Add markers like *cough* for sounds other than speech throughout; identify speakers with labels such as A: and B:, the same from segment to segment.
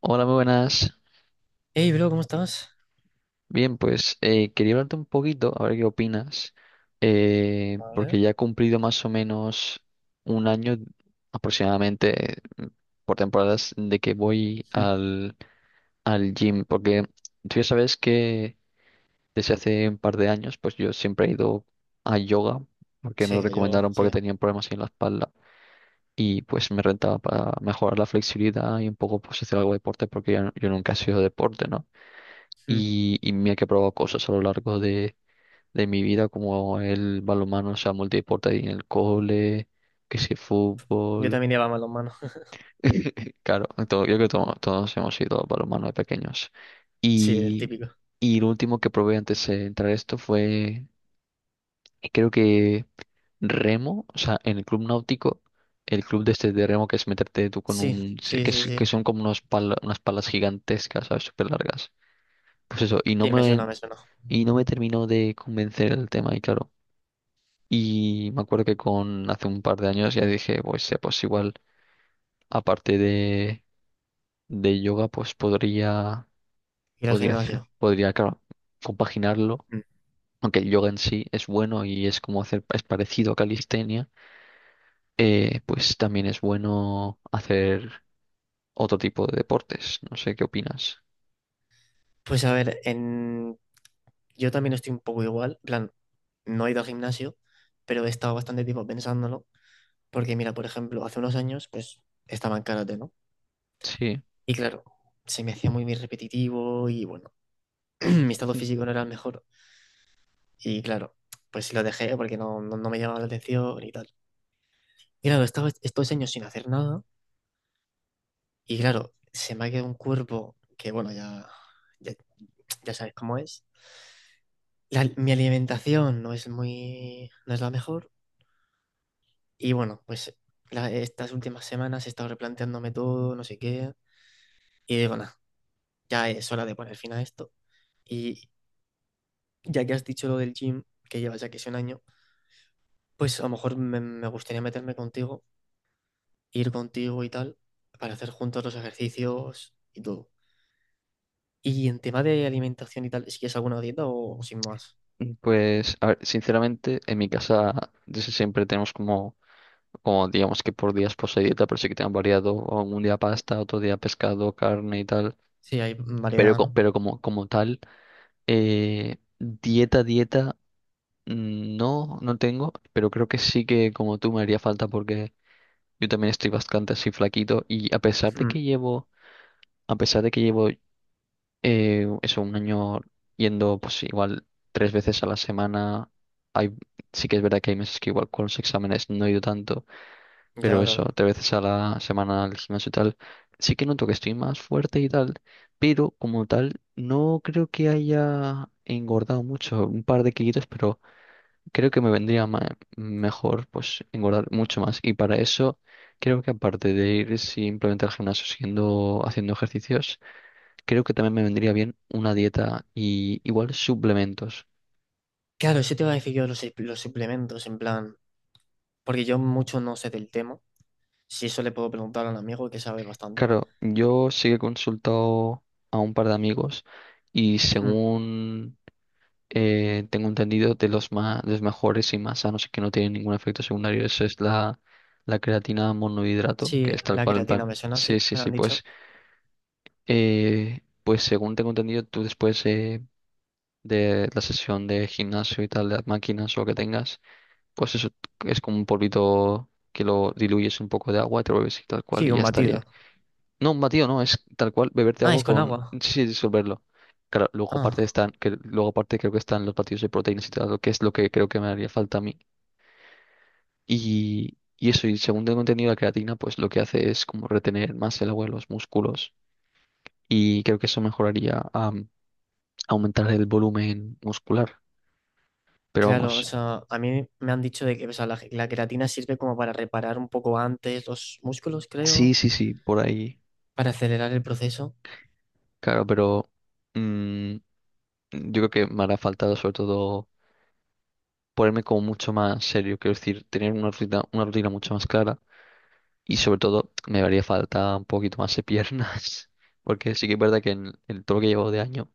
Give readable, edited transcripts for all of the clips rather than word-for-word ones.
A: Hola, muy buenas.
B: Hey, bro, ¿cómo estás?
A: Bien, pues quería hablarte un poquito, a ver qué opinas,
B: A
A: porque ya he cumplido más o menos un año aproximadamente por temporadas de que voy
B: Mm,
A: al gym, porque tú ya sabes que desde hace un par de años, pues yo siempre he ido a yoga, porque me lo
B: sí, yo,
A: recomendaron porque
B: sí.
A: tenía problemas en la espalda y pues me rentaba para mejorar la flexibilidad y un poco pues hacer algo de deporte, porque yo nunca he sido de deporte, ¿no?
B: Mm,
A: Y mira que he probado cosas a lo largo de mi vida, como el balonmano, o sea, multideporte ahí en el cole, que si
B: yo
A: fútbol.
B: también llevaba manos. *laughs*
A: *laughs* Claro, yo creo que todos hemos ido a balonmano de pequeños.
B: Sí, el
A: Y,
B: típico.
A: y lo último que probé antes de entrar a esto fue, creo que remo, o sea, en el club náutico, el club de este de remo que es meterte tú con
B: Sí,
A: un,
B: sí,
A: que,
B: sí, sí.
A: que son como unas palas gigantescas, ¿sabes? Súper largas. Pues eso,
B: Sí, me suena, me suena.
A: y no me terminó de convencer el tema, y claro. Y me acuerdo que con hace un par de años ya dije, pues, pues igual, aparte de yoga, pues podría,
B: Ir al
A: podría hacer,
B: gimnasio.
A: podría, claro, compaginarlo.
B: Mm.
A: Aunque el yoga en sí es bueno y es es parecido a calistenia, pues también es bueno hacer otro tipo de deportes. No sé qué opinas.
B: Pues a ver, yo también estoy un poco igual. En plan, no he ido al gimnasio, pero he estado bastante tiempo pensándolo. Porque mira, por ejemplo, hace unos años, pues, estaba en karate, ¿no?
A: Sí.
B: Y claro, se me hacía muy, muy repetitivo y bueno, *clears throat* mi estado
A: *laughs*
B: físico no era el mejor. Y claro, pues lo dejé porque no, no, no me llamaba la atención y tal. Y claro, he estado estos años sin hacer nada y claro, se me ha quedado un cuerpo que, bueno, ya, ya, ya sabes cómo es. Mi alimentación no es muy, no es la mejor y bueno, pues estas últimas semanas he estado replanteándome todo, no sé qué, y digo, nada, ya es hora de poner fin a esto. Y ya que has dicho lo del gym, que llevas ya que es un año, pues a lo mejor me gustaría meterme contigo, ir contigo y tal, para hacer juntos los ejercicios y todo. Y en tema de alimentación y tal, ¿si que es alguna dieta o sin más?
A: Ujú. Pues, a ver, sinceramente, en mi casa desde siempre tenemos como digamos que por días posee dieta, pero sí que te han variado o un día pasta, otro día pescado, carne y tal.
B: Sí, hay
A: Pero,
B: variedad, ¿no?
A: pero como tal, eh, dieta, dieta, no, no tengo, pero creo que sí que como tú me haría falta porque yo también estoy bastante así flaquito y a pesar de
B: Mm,
A: que llevo eso, un año yendo pues igual tres veces a la semana, hay, sí que es verdad que hay meses que igual con los exámenes no he ido tanto
B: ya,
A: pero eso,
B: claro.
A: tres veces a la semana al gimnasio y tal, sí que noto que estoy más fuerte y tal, pero como tal, no creo que haya engordado mucho, un par de kilitos, pero creo que me vendría mejor pues engordar mucho más. Y para eso, creo que aparte de ir simplemente al gimnasio siguiendo haciendo ejercicios, creo que también me vendría bien una dieta y igual suplementos.
B: Claro, eso te iba a decir yo los suplementos, en plan, porque yo mucho no sé del tema. Si eso le puedo preguntar a un amigo que sabe bastante.
A: Claro, yo sí que he consultado a un par de amigos y
B: Mm,
A: según tengo entendido de de los mejores y más sanos y que no tienen ningún efecto secundario, eso es la creatina monohidrato, que
B: sí,
A: es tal
B: la
A: cual, en
B: creatina me
A: plan.
B: suena,
A: Sí,
B: sí,
A: sí,
B: me la
A: sí,
B: han dicho.
A: pues, pues según tengo entendido, tú después de la sesión de gimnasio y tal, de las máquinas o lo que tengas, pues eso es como un polvito que lo diluyes un poco de agua, y te lo bebes y tal cual,
B: Sí,
A: y ya
B: un batido.
A: estaría. No, un batido no, es tal cual beberte
B: Ah,
A: agua
B: es con
A: con.
B: agua.
A: Sí, sí, disolverlo. Claro, luego aparte
B: Ah,
A: están, que luego aparte creo que están los batidos de proteínas y tal, lo que es lo que creo que me haría falta a mí. Y eso, y según tengo entendido, la creatina, pues lo que hace es como retener más el agua en los músculos. Y creo que eso mejoraría a aumentar el volumen muscular. Pero
B: claro, o
A: vamos,
B: sea, a mí me han dicho de que o sea, la creatina sirve como para reparar un poco antes los músculos,
A: sí,
B: creo,
A: sí, sí, por ahí.
B: para acelerar el proceso.
A: Claro, pero mm, yo creo que me hará falta sobre todo ponerme como mucho más serio, quiero decir, tener una rutina mucho más clara. Y sobre todo, me haría falta un poquito más de piernas, *laughs* porque sí que es verdad que en todo lo que llevo de año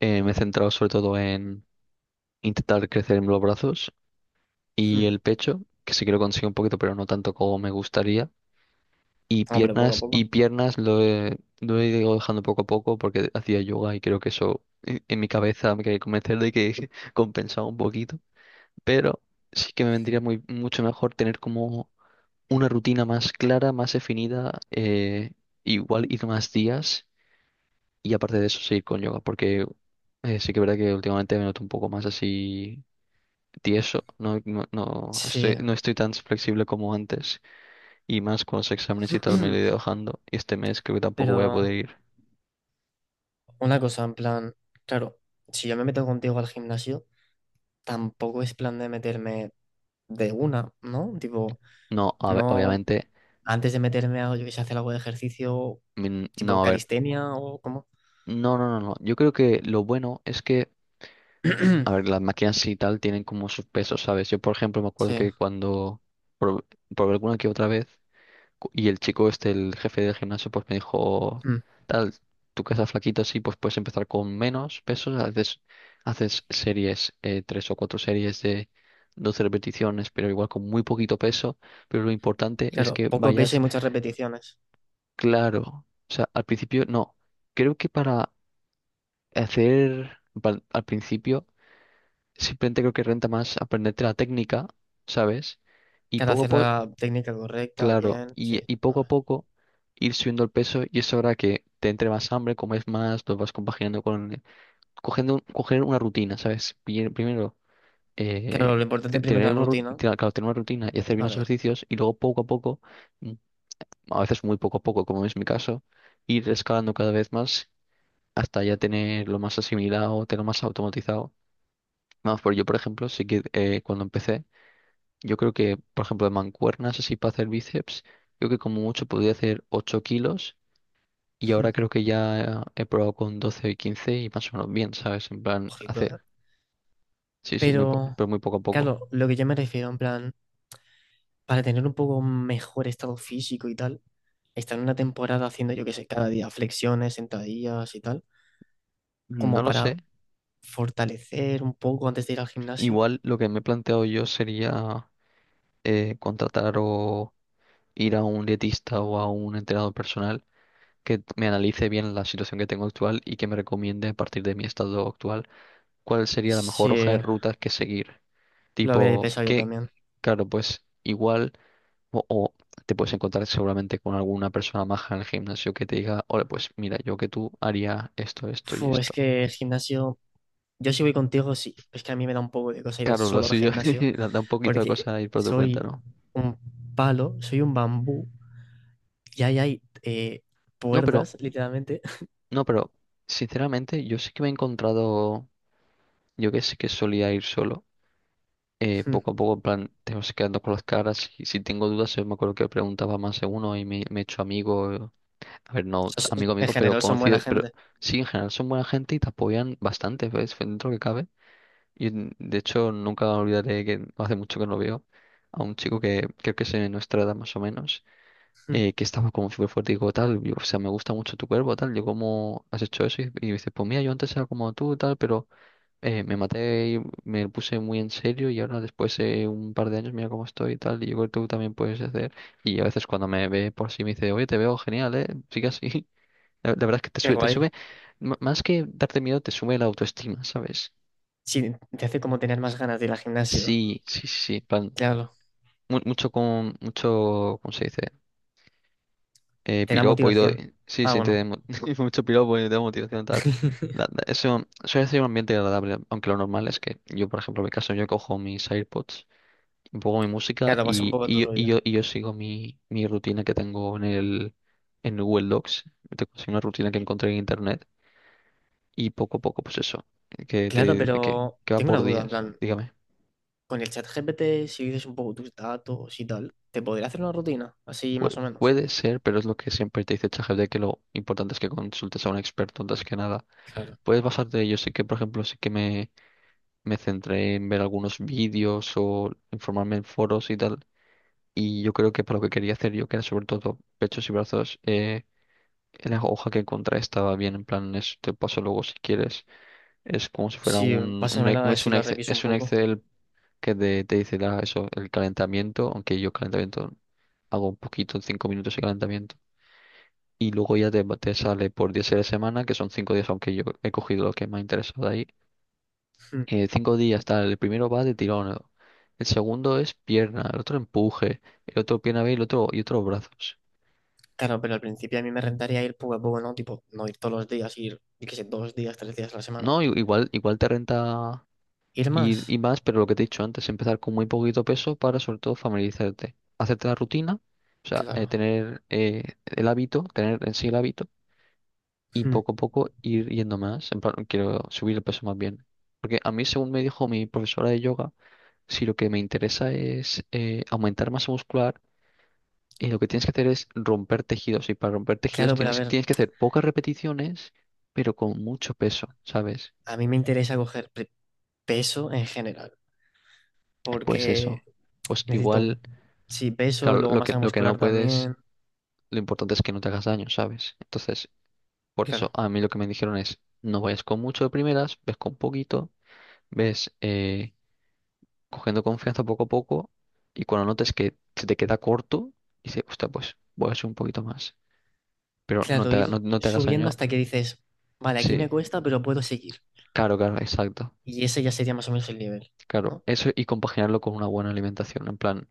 A: me he centrado sobre todo en intentar crecer en los brazos y
B: Mm,
A: el pecho, que sí que lo consigo un poquito, pero no tanto como me gustaría. Y
B: no, pero poco a
A: piernas, y
B: poco.
A: piernas lo he ido dejando poco a poco porque hacía yoga y creo que eso en mi cabeza me quería convencer de que *laughs* compensaba un poquito, pero sí que me vendría mucho mejor tener como una rutina más clara, más definida, igual ir más días y aparte de eso seguir con yoga, porque sí que es verdad que últimamente me noto un poco más así tieso, no, no,
B: Sí.
A: no estoy tan flexible como antes y más con los exámenes y tal me lo he
B: *clears throat*
A: ido dejando y este mes creo que tampoco voy a
B: Pero
A: poder ir.
B: una cosa, en plan, claro, si yo me meto contigo al gimnasio, tampoco es plan de meterme de una, ¿no? Tipo,
A: No, a ver,
B: no,
A: obviamente,
B: antes de meterme a, yo que sé, hacer algo de ejercicio, tipo
A: no, a ver,
B: calistenia o como.
A: no, no, no, no, yo creo que lo bueno es que, a ver,
B: *clears throat*
A: las máquinas y tal tienen como sus pesos, ¿sabes? Yo, por ejemplo, me acuerdo
B: Sí,
A: que cuando. Por- por alguna que otra vez. Y el chico este, el jefe del gimnasio, pues me dijo,
B: mm,
A: tal, tú que estás flaquito, sí, pues puedes empezar con menos pesos, haces series, tres o cuatro series de 12 repeticiones, pero igual con muy poquito peso, pero lo importante es
B: claro,
A: que
B: poco peso
A: vayas
B: y muchas repeticiones.
A: claro. O sea, al principio, no, creo que para al principio, simplemente creo que renta más aprenderte la técnica, ¿sabes? Y
B: Claro,
A: poco a
B: hacer
A: po-
B: la técnica correcta,
A: Claro,
B: bien, sí,
A: y poco a
B: vale.
A: poco ir subiendo el peso y eso hará que te entre más hambre, comes más, lo vas compaginando con cogiendo, coger una rutina, ¿sabes? Primero, eh,
B: Claro, lo
A: te-
B: importante primero
A: tener
B: es la
A: una, ru-
B: rutina,
A: te- claro, tener una rutina y hacer bien los
B: vale.
A: ejercicios y luego poco a poco, mm, a veces muy poco a poco, como es mi caso, ir escalando cada vez más hasta ya tener lo más asimilado, tener lo más automatizado. Vamos, por ejemplo, sí que cuando empecé yo creo que, por ejemplo, de mancuernas así para hacer bíceps, creo que como mucho podía hacer 8 kilos y ahora
B: mm,
A: creo que ya he probado con 12 y 15 y más o menos bien, ¿sabes? En plan,
B: Ojito, ¿eh?
A: hacer. Sí, sí,
B: Pero,
A: pero muy poco a poco.
B: claro, lo que yo me refiero, en plan, para tener un poco mejor estado físico y tal. Estar una temporada haciendo, yo qué sé, cada día flexiones, sentadillas y tal,
A: No
B: como
A: lo sé.
B: para fortalecer un poco antes de ir al gimnasio.
A: Igual lo que me he planteado yo sería contratar o ir a un dietista o a un entrenador personal que me analice bien la situación que tengo actual y que me recomiende a partir de mi estado actual cuál sería la mejor hoja de
B: Sí,
A: ruta que seguir.
B: lo había
A: Tipo,
B: pensado yo también.
A: claro, pues igual, o te puedes encontrar seguramente con alguna persona maja en el gimnasio que te diga, oye, pues mira, yo que tú haría esto, esto y
B: Fu, es
A: esto.
B: que el gimnasio, yo si voy contigo, sí, es que a mí me da un poco de cosa ir
A: Claro, lo
B: solo al
A: suyo
B: gimnasio,
A: *laughs* da un poquito de
B: porque
A: cosa ir por tu cuenta,
B: soy
A: ¿no?
B: un palo, soy un bambú, y ahí hay
A: No, pero,
B: puertas, literalmente. *laughs*
A: no, pero, sinceramente, yo sí que me he encontrado, yo que sí que solía ir solo,
B: Mm.
A: poco a poco, en plan, te vas quedando con las caras, y si tengo dudas, yo me acuerdo que preguntaba más de uno y me he hecho amigo. A ver, no amigo,
B: En
A: amigo, pero
B: general son
A: conocido,
B: buena
A: pero
B: gente.
A: sí, en general son buena gente y te apoyan bastante, ¿ves? Dentro que cabe. Y de hecho nunca olvidaré que no hace mucho que no veo a un chico que creo que es de nuestra edad más o menos,
B: *laughs* Mm.
A: que estaba como súper fuerte y digo, tal, yo, o sea, me gusta mucho tu cuerpo, tal, yo cómo has hecho eso. Y dice, pues mira, yo antes era como tú, tal, pero me maté y me puse muy en serio y ahora después de un par de años mira cómo estoy y tal, y yo creo que tú también puedes hacer. Y a veces cuando me ve por sí me dice, oye, te veo genial, ¿eh? Sigue así. La verdad es que te
B: Qué
A: sube,
B: guay.
A: más que darte miedo, te sube la autoestima, ¿sabes?
B: Sí, te hace como tener más ganas de ir al gimnasio.
A: Sí, sí, sí, plan,
B: Claro.
A: mucho, ¿cómo se dice? Eh,
B: Te da
A: piropo y todo,
B: motivación.
A: sí,
B: Ah,
A: sí, te
B: bueno.
A: da *laughs* mucho piropo y te da motivación tal. La-
B: *laughs*
A: la- eso suele ser un ambiente agradable, aunque lo normal es que yo, por ejemplo, en mi caso, yo cojo mis AirPods, pongo mi música
B: Claro, pasa un
A: y,
B: poco tu
A: y, yo, y
B: rollo.
A: yo y yo sigo mi rutina que tengo en Google Docs. Tengo así una rutina que encontré en internet y poco a poco, pues eso, que,
B: Claro,
A: te, que,
B: pero
A: que va
B: tengo una
A: por
B: duda, en
A: días,
B: plan,
A: dígame.
B: con el chat GPT, si dices un poco tus datos y tal, ¿te podría hacer una rutina? Así
A: Pu-
B: más o menos.
A: puede ser, pero es lo que siempre te dice ChatGPT, que lo importante es que consultes a un experto antes que nada.
B: Claro.
A: Puedes basarte, yo sé que, por ejemplo, sí que me centré en ver algunos vídeos o informarme en foros y tal, y yo creo que para lo que quería hacer yo, que era sobre todo pechos y brazos, la hoja que encontré estaba bien, en plan, te paso luego si quieres. Es como si fuera
B: Sí,
A: un e-
B: pásamela a ver si la reviso un
A: Es un
B: poco. *laughs*
A: Excel que te dice eso, el calentamiento, aunque yo calentamiento hago un poquito, 5 minutos de calentamiento. Y luego ya te sale por 10 de semana, que son 5 días, aunque yo he cogido lo que me ha interesado de ahí.
B: Hmm.
A: 5 días, tal, el primero va de tirón, el segundo es pierna, el otro empuje, el otro pierna B y el otro, y otros brazos.
B: Claro, pero al principio a mí me rentaría ir poco a poco, ¿no? Tipo, no ir todos los días, ir, yo qué sé, 2 días, 3 días a la semana.
A: No, igual, igual te renta
B: ¿Ir más?
A: ir y más, pero lo que te he dicho antes, empezar con muy poquito peso para sobre todo familiarizarte, hacerte la rutina, o sea,
B: Claro.
A: tener el hábito, tener en sí el hábito y
B: Hmm.
A: poco a poco ir yendo más. En plan, quiero subir el peso más bien. Porque a mí, según me dijo mi profesora de yoga, si lo que me interesa es aumentar masa muscular, lo que tienes que hacer es romper tejidos. Y para romper tejidos
B: Claro, pero a
A: tienes,
B: ver,
A: tienes que hacer pocas repeticiones, pero con mucho peso, ¿sabes?
B: a mí me interesa coger peso en general,
A: Pues
B: porque
A: eso. Pues
B: necesito,
A: igual,
B: sí, peso,
A: claro,
B: luego
A: lo que,
B: masa
A: lo que no
B: muscular
A: puedes,
B: también.
A: lo importante es que no te hagas daño, ¿sabes? Entonces, por eso
B: Claro,
A: a mí lo que me dijeron es, no vayas con mucho de primeras, ves con poquito, ves, cogiendo confianza poco a poco y cuando notes que se te queda corto, dices, hostia, pues voy a hacer un poquito más. Pero no
B: claro,
A: te,
B: ir
A: no, no te hagas
B: subiendo
A: daño.
B: hasta que dices, vale, aquí me
A: Sí,
B: cuesta, pero puedo seguir.
A: claro, claro, exacto.
B: Y ese ya sería más o menos el nivel,
A: Claro,
B: ¿no?
A: eso y compaginarlo con una buena alimentación, en plan,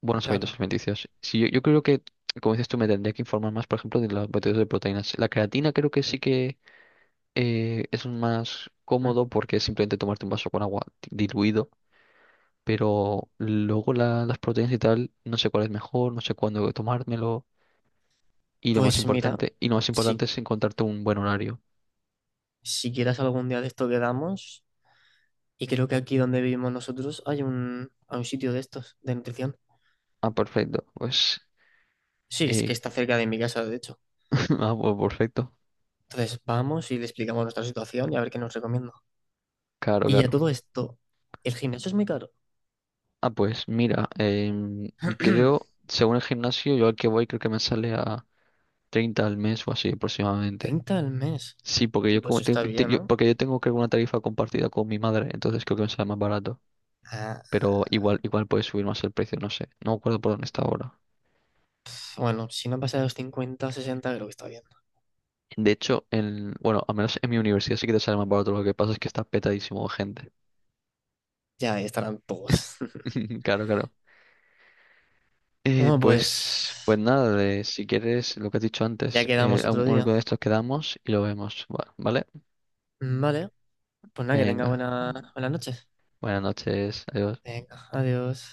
A: buenos hábitos
B: Claro.
A: alimenticios. Sí, yo creo que, como dices tú, me tendría que informar más, por ejemplo, de los botellas de proteínas. La creatina creo que sí que es más
B: Mm.
A: cómodo porque es simplemente tomarte un vaso con agua diluido. Pero luego las proteínas y tal, no sé cuál es mejor, no sé cuándo tomármelo. Y lo más
B: Pues mira,
A: importante, y lo más
B: si,
A: importante es encontrarte un buen horario.
B: si quieras algún día de esto quedamos, y creo que aquí donde vivimos nosotros hay un, sitio de estos, de nutrición.
A: Ah, perfecto. Pues,
B: Sí, es que
A: eh,
B: está cerca de mi casa, de hecho.
A: *laughs* ah, pues perfecto.
B: Entonces vamos y le explicamos nuestra situación y a ver qué nos recomienda.
A: Claro,
B: Y a
A: claro.
B: todo esto, ¿el gimnasio es muy caro?
A: Ah, pues mira,
B: *clears throat*
A: creo, según el gimnasio, yo al que voy creo que me sale a 30 al mes o así aproximadamente.
B: 30 al mes.
A: Sí, porque yo
B: Pues
A: como tengo,
B: está bien, ¿no?
A: porque yo tengo creo una tarifa compartida con mi madre, entonces creo que me sale más barato.
B: Ah,
A: Pero igual, igual puede subir más el precio, no sé. No me acuerdo por dónde está ahora.
B: bueno, si no pasa de los 50, 60, creo que está bien.
A: De hecho, en, bueno, al menos en mi universidad sí que te sale más barato, lo que pasa es que está petadísimo de gente.
B: Ya ahí estarán todos. *laughs*
A: *laughs* Claro, claro.
B: Bueno,
A: Pues, pues
B: pues
A: nada, de, si quieres lo que has dicho
B: ya
A: antes,
B: quedamos
A: a
B: otro día.
A: algo de estos quedamos y lo vemos. Bueno, ¿vale?
B: Vale, pues nada, que tenga
A: Venga.
B: buena, buena noche.
A: Buenas noches. Adiós.
B: Venga, adiós.